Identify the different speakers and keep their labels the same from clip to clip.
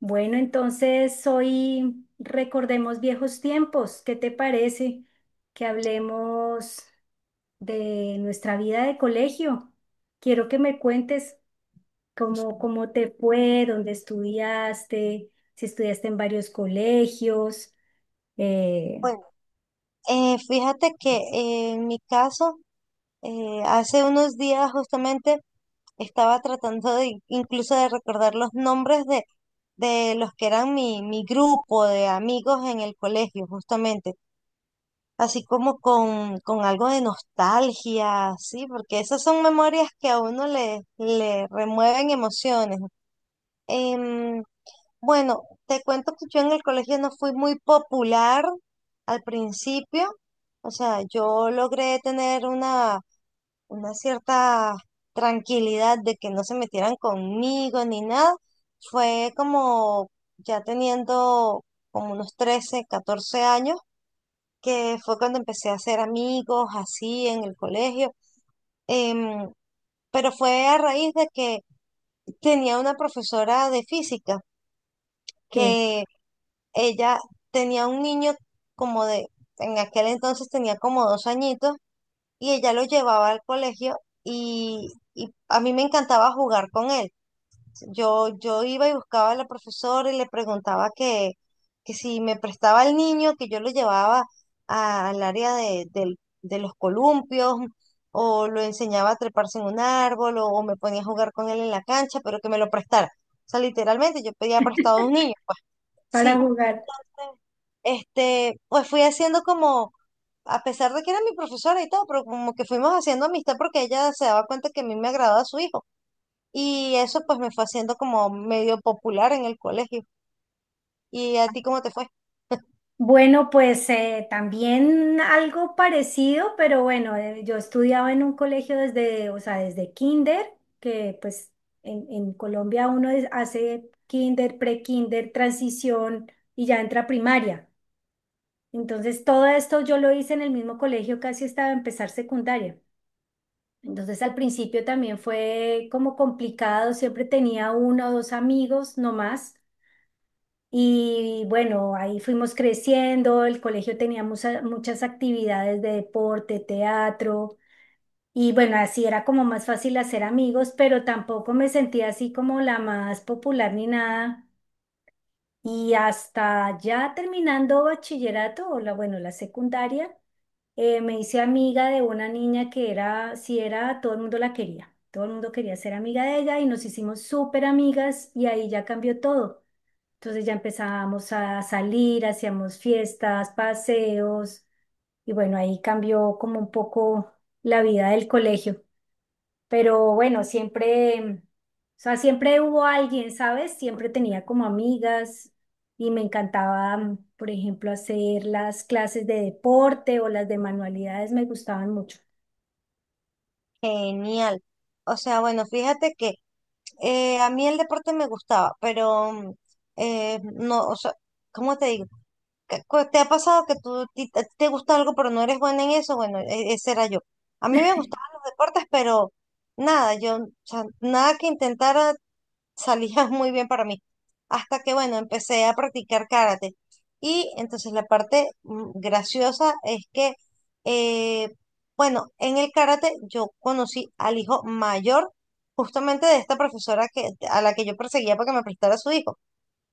Speaker 1: Bueno, entonces hoy recordemos viejos tiempos. ¿Qué te parece que hablemos de nuestra vida de colegio? Quiero que me cuentes cómo te fue, dónde estudiaste, si estudiaste en varios colegios, eh,
Speaker 2: Bueno, fíjate que en mi caso, hace unos días justamente estaba tratando de incluso de recordar los nombres de los que eran mi grupo de amigos en el colegio, justamente, así como con algo de nostalgia, sí, porque esas son memorias que a uno le remueven emociones. Em, Bueno, te cuento que yo en el colegio no fui muy popular al principio. O sea, yo logré tener una cierta tranquilidad de que no se metieran conmigo ni nada. Fue como ya teniendo como unos 13, 14 años, que fue cuando empecé a hacer amigos así en el colegio. Em, pero fue a raíz de que tenía una profesora de física.
Speaker 1: sí,
Speaker 2: Que Ella tenía un niño como de, en aquel entonces tenía como 2 añitos y ella lo llevaba al colegio y a mí me encantaba jugar con él. Yo iba y buscaba a la profesora y le preguntaba que si me prestaba el niño, que yo lo llevaba al área de los columpios o lo enseñaba a treparse en un árbol o me ponía a jugar con él en la cancha, pero que me lo prestara. O sea, literalmente yo pedía prestado a un niño, pues.
Speaker 1: para
Speaker 2: Sí.
Speaker 1: jugar.
Speaker 2: Pues fui haciendo como, a pesar de que era mi profesora y todo, pero como que fuimos haciendo amistad porque ella se daba cuenta que a mí me agradaba su hijo. Y eso pues me fue haciendo como medio popular en el colegio. ¿Y a ti cómo te fue?
Speaker 1: Bueno, pues también algo parecido, pero bueno, yo estudiaba en un colegio desde, o sea, desde kinder, que pues en Colombia hace kinder, pre-kinder, transición y ya entra a primaria. Entonces todo esto yo lo hice en el mismo colegio casi hasta empezar secundaria. Entonces al principio también fue como complicado, siempre tenía uno o dos amigos, no más. Y bueno, ahí fuimos creciendo, el colegio tenía muchas actividades de deporte, teatro, y bueno, así era como más fácil hacer amigos, pero tampoco me sentía así como la más popular ni nada. Y hasta ya terminando bachillerato, o la, bueno, la secundaria, me hice amiga de una niña que era, si era, todo el mundo la quería, todo el mundo quería ser amiga de ella y nos hicimos súper amigas y ahí ya cambió todo. Entonces ya empezábamos a salir, hacíamos fiestas, paseos y bueno, ahí cambió como un poco la vida del colegio. Pero bueno, siempre, o sea, siempre hubo alguien, ¿sabes? Siempre tenía como amigas y me encantaba, por ejemplo, hacer las clases de deporte o las de manualidades, me gustaban mucho.
Speaker 2: Genial. O sea, bueno, fíjate que a mí el deporte me gustaba, pero no, o sea, ¿cómo te digo? ¿Te ha pasado que a ti te gusta algo pero no eres buena en eso? Bueno, ese era yo. A mí me gustaban los deportes, pero nada, yo, o sea, nada que intentara salía muy bien para mí. Hasta que, bueno, empecé a practicar karate. Y entonces la parte graciosa es que, eh, bueno, en el karate yo conocí al hijo mayor justamente de esta profesora que, a la que yo perseguía para que me prestara a su hijo.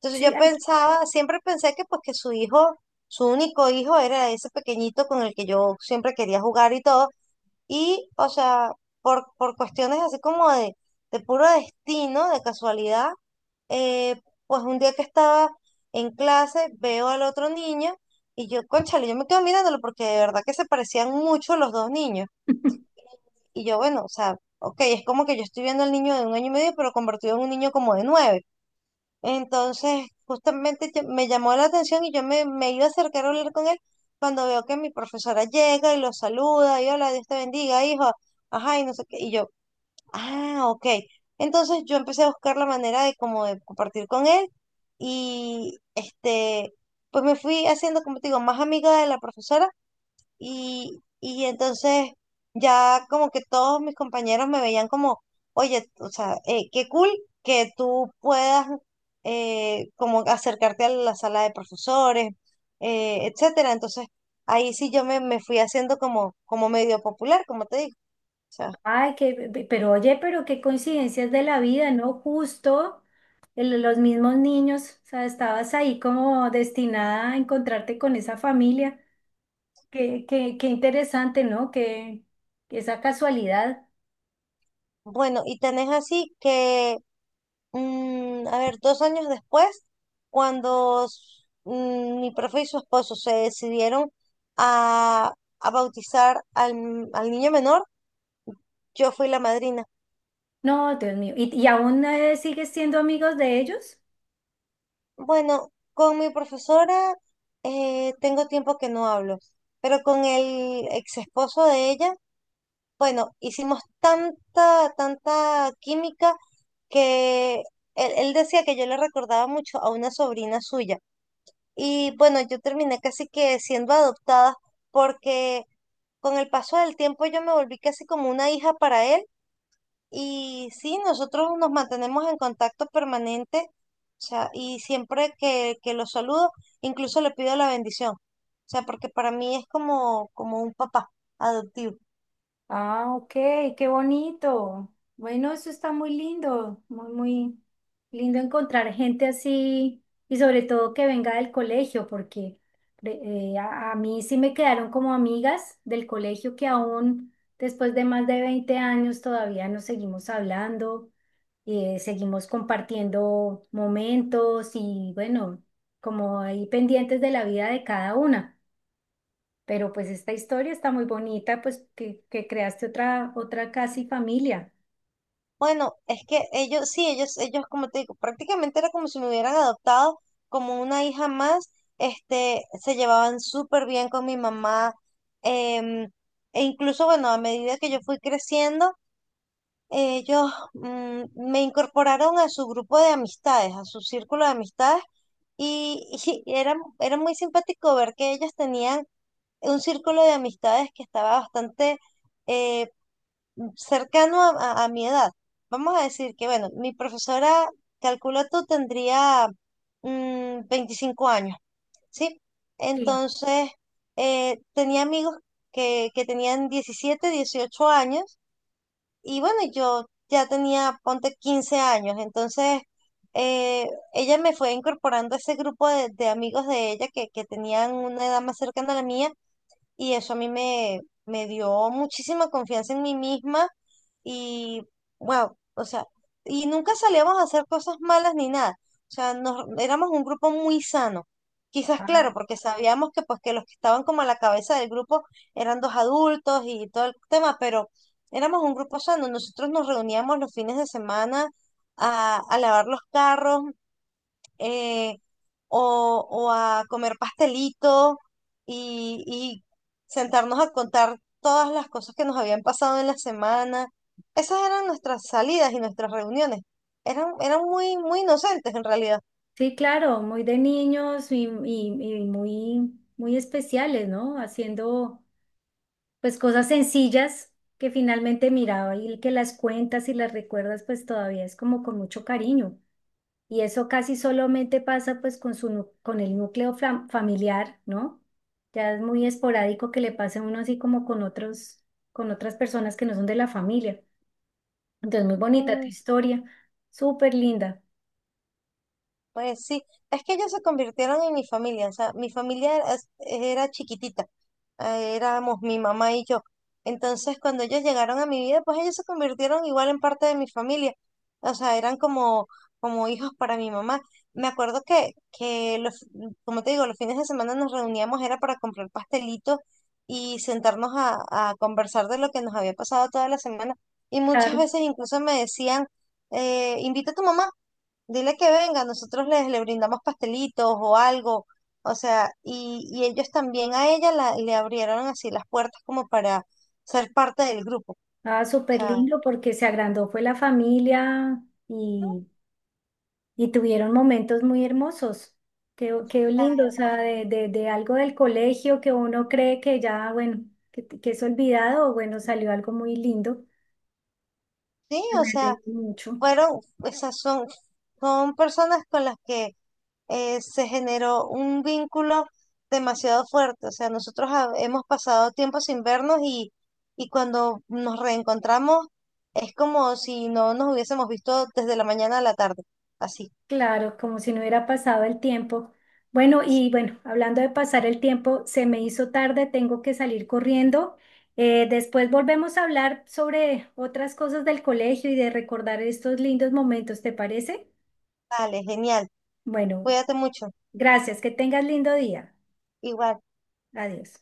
Speaker 2: Entonces
Speaker 1: Sí,
Speaker 2: yo
Speaker 1: ay,
Speaker 2: pensaba, siempre pensé que pues que su hijo, su único hijo era ese pequeñito con el que yo siempre quería jugar y todo. Y, o sea, por cuestiones así como de puro destino, de casualidad, eh, pues un día que estaba en clase, veo al otro niño y yo, cónchale, yo me quedo mirándolo porque de verdad que se parecían mucho los dos niños. Y yo, bueno, o sea, ok, es como que yo estoy viendo al niño de un año y medio, pero convertido en un niño como de 9. Entonces, justamente me llamó la atención y yo me iba a acercar a hablar con él cuando veo que mi profesora llega y lo saluda y hola, Dios te bendiga, hijo. Ajá, y no sé qué. Y yo, ah, ok. Entonces yo empecé a buscar la manera de como de compartir con él y pues me fui haciendo, como te digo, más amiga de la profesora y entonces ya como que todos mis compañeros me veían como, oye, o sea, qué cool que tú puedas como acercarte a la sala de profesores, etcétera. Entonces ahí sí yo me fui haciendo como medio popular, como te digo. O sea,
Speaker 1: Ay, que, pero oye, pero qué coincidencias de la vida, ¿no? Justo los mismos niños, o sea, estabas ahí como destinada a encontrarte con esa familia. Qué interesante, ¿no? Que esa casualidad.
Speaker 2: bueno, y tenés así que a ver, 2 años después, cuando mi profe y su esposo se decidieron a, a bautizar al niño menor, yo fui la madrina.
Speaker 1: No, Dios mío. Y aún sigues siendo amigos de ellos?
Speaker 2: Bueno, con mi profesora tengo tiempo que no hablo, pero con el ex esposo de ella, bueno, hicimos tanta, tanta química que él decía que yo le recordaba mucho a una sobrina suya. Y bueno, yo terminé casi que siendo adoptada porque con el paso del tiempo yo me volví casi como una hija para él y sí, nosotros nos mantenemos en contacto permanente, o sea, y siempre que lo saludo, incluso le pido la bendición, o sea, porque para mí es como, un papá adoptivo.
Speaker 1: Ah, ok, qué bonito. Bueno, eso está muy lindo, muy lindo encontrar gente así y sobre todo que venga del colegio, porque a mí sí me quedaron como amigas del colegio que aún después de más de 20 años todavía nos seguimos hablando, seguimos compartiendo momentos y bueno, como ahí pendientes de la vida de cada una. Pero pues esta historia está muy bonita, pues que creaste otra, otra casi familia.
Speaker 2: Bueno, es que ellos, sí, ellos, como te digo, prácticamente era como si me hubieran adoptado como una hija más, se llevaban súper bien con mi mamá, em, e incluso, bueno, a medida que yo fui creciendo, ellos, me incorporaron a su grupo de amistades, a su círculo de amistades, y, y era muy simpático ver que ellos tenían un círculo de amistades que estaba bastante, eh, cercano a mi edad. Vamos a decir que, bueno, mi profesora, calculo tú, tendría 25 años, ¿sí?
Speaker 1: Sí.
Speaker 2: Entonces, tenía amigos que tenían 17, 18 años y bueno, yo ya tenía, ponte 15 años, entonces. Eh, ella me fue incorporando a ese grupo de amigos de ella que tenían una edad más cercana a la mía y eso a mí me dio muchísima confianza en mí misma y, wow, o sea, y nunca salíamos a hacer cosas malas ni nada. O sea, nos, éramos un grupo muy sano. Quizás,
Speaker 1: Ah,
Speaker 2: claro, porque sabíamos que, pues, que los que estaban como a la cabeza del grupo eran dos adultos y todo el tema, pero éramos un grupo sano. Nosotros nos reuníamos los fines de semana a lavar los carros, eh, o a comer pastelito y sentarnos a contar todas las cosas que nos habían pasado en la semana. Esas eran nuestras salidas y nuestras reuniones. Eran muy, muy inocentes en realidad.
Speaker 1: sí, claro, muy de niños y, y muy, muy especiales, ¿no? Haciendo pues cosas sencillas que finalmente miraba y que las cuentas y las recuerdas pues todavía es como con mucho cariño. Y eso casi solamente pasa pues con su, con el núcleo familiar, ¿no? Ya es muy esporádico que le pase a uno así como con otros, con otras personas que no son de la familia. Entonces, muy bonita tu
Speaker 2: Mm,
Speaker 1: historia, súper linda.
Speaker 2: Pues sí, es que ellos se convirtieron en mi familia, o sea, mi familia era chiquitita, éramos mi mamá y yo. Entonces, cuando ellos llegaron a mi vida, pues ellos se convirtieron igual en parte de mi familia, o sea, eran como, hijos para mi mamá. Me acuerdo que los, como te digo, los fines de semana nos reuníamos, era para comprar pastelitos y sentarnos a conversar de lo que nos había pasado toda la semana. Y muchas
Speaker 1: Claro,
Speaker 2: veces incluso me decían, invita a tu mamá. Dile que venga, nosotros les le brindamos pastelitos o algo, o sea, y ellos también a ella la, le abrieron así las puertas como para ser parte del grupo.
Speaker 1: ah,
Speaker 2: O
Speaker 1: súper
Speaker 2: sea,
Speaker 1: lindo porque se agrandó fue la familia y, y tuvieron momentos muy hermosos. Qué, qué lindo, o sea, de algo del colegio que uno cree que ya, bueno, que es olvidado, bueno, salió algo muy lindo.
Speaker 2: sí,
Speaker 1: Me
Speaker 2: o sea,
Speaker 1: alegro mucho.
Speaker 2: fueron, esas son personas con las que se generó un vínculo demasiado fuerte. O sea, nosotros hemos pasado tiempo sin vernos y cuando nos reencontramos es como si no nos hubiésemos visto desde la mañana a la tarde, así.
Speaker 1: Claro, como si no hubiera pasado el tiempo. Bueno, y bueno, hablando de pasar el tiempo, se me hizo tarde, tengo que salir corriendo. Después volvemos a hablar sobre otras cosas del colegio y de recordar estos lindos momentos, ¿te parece?
Speaker 2: Vale, genial.
Speaker 1: Bueno,
Speaker 2: Cuídate mucho.
Speaker 1: gracias, que tengas lindo día.
Speaker 2: Igual.
Speaker 1: Adiós.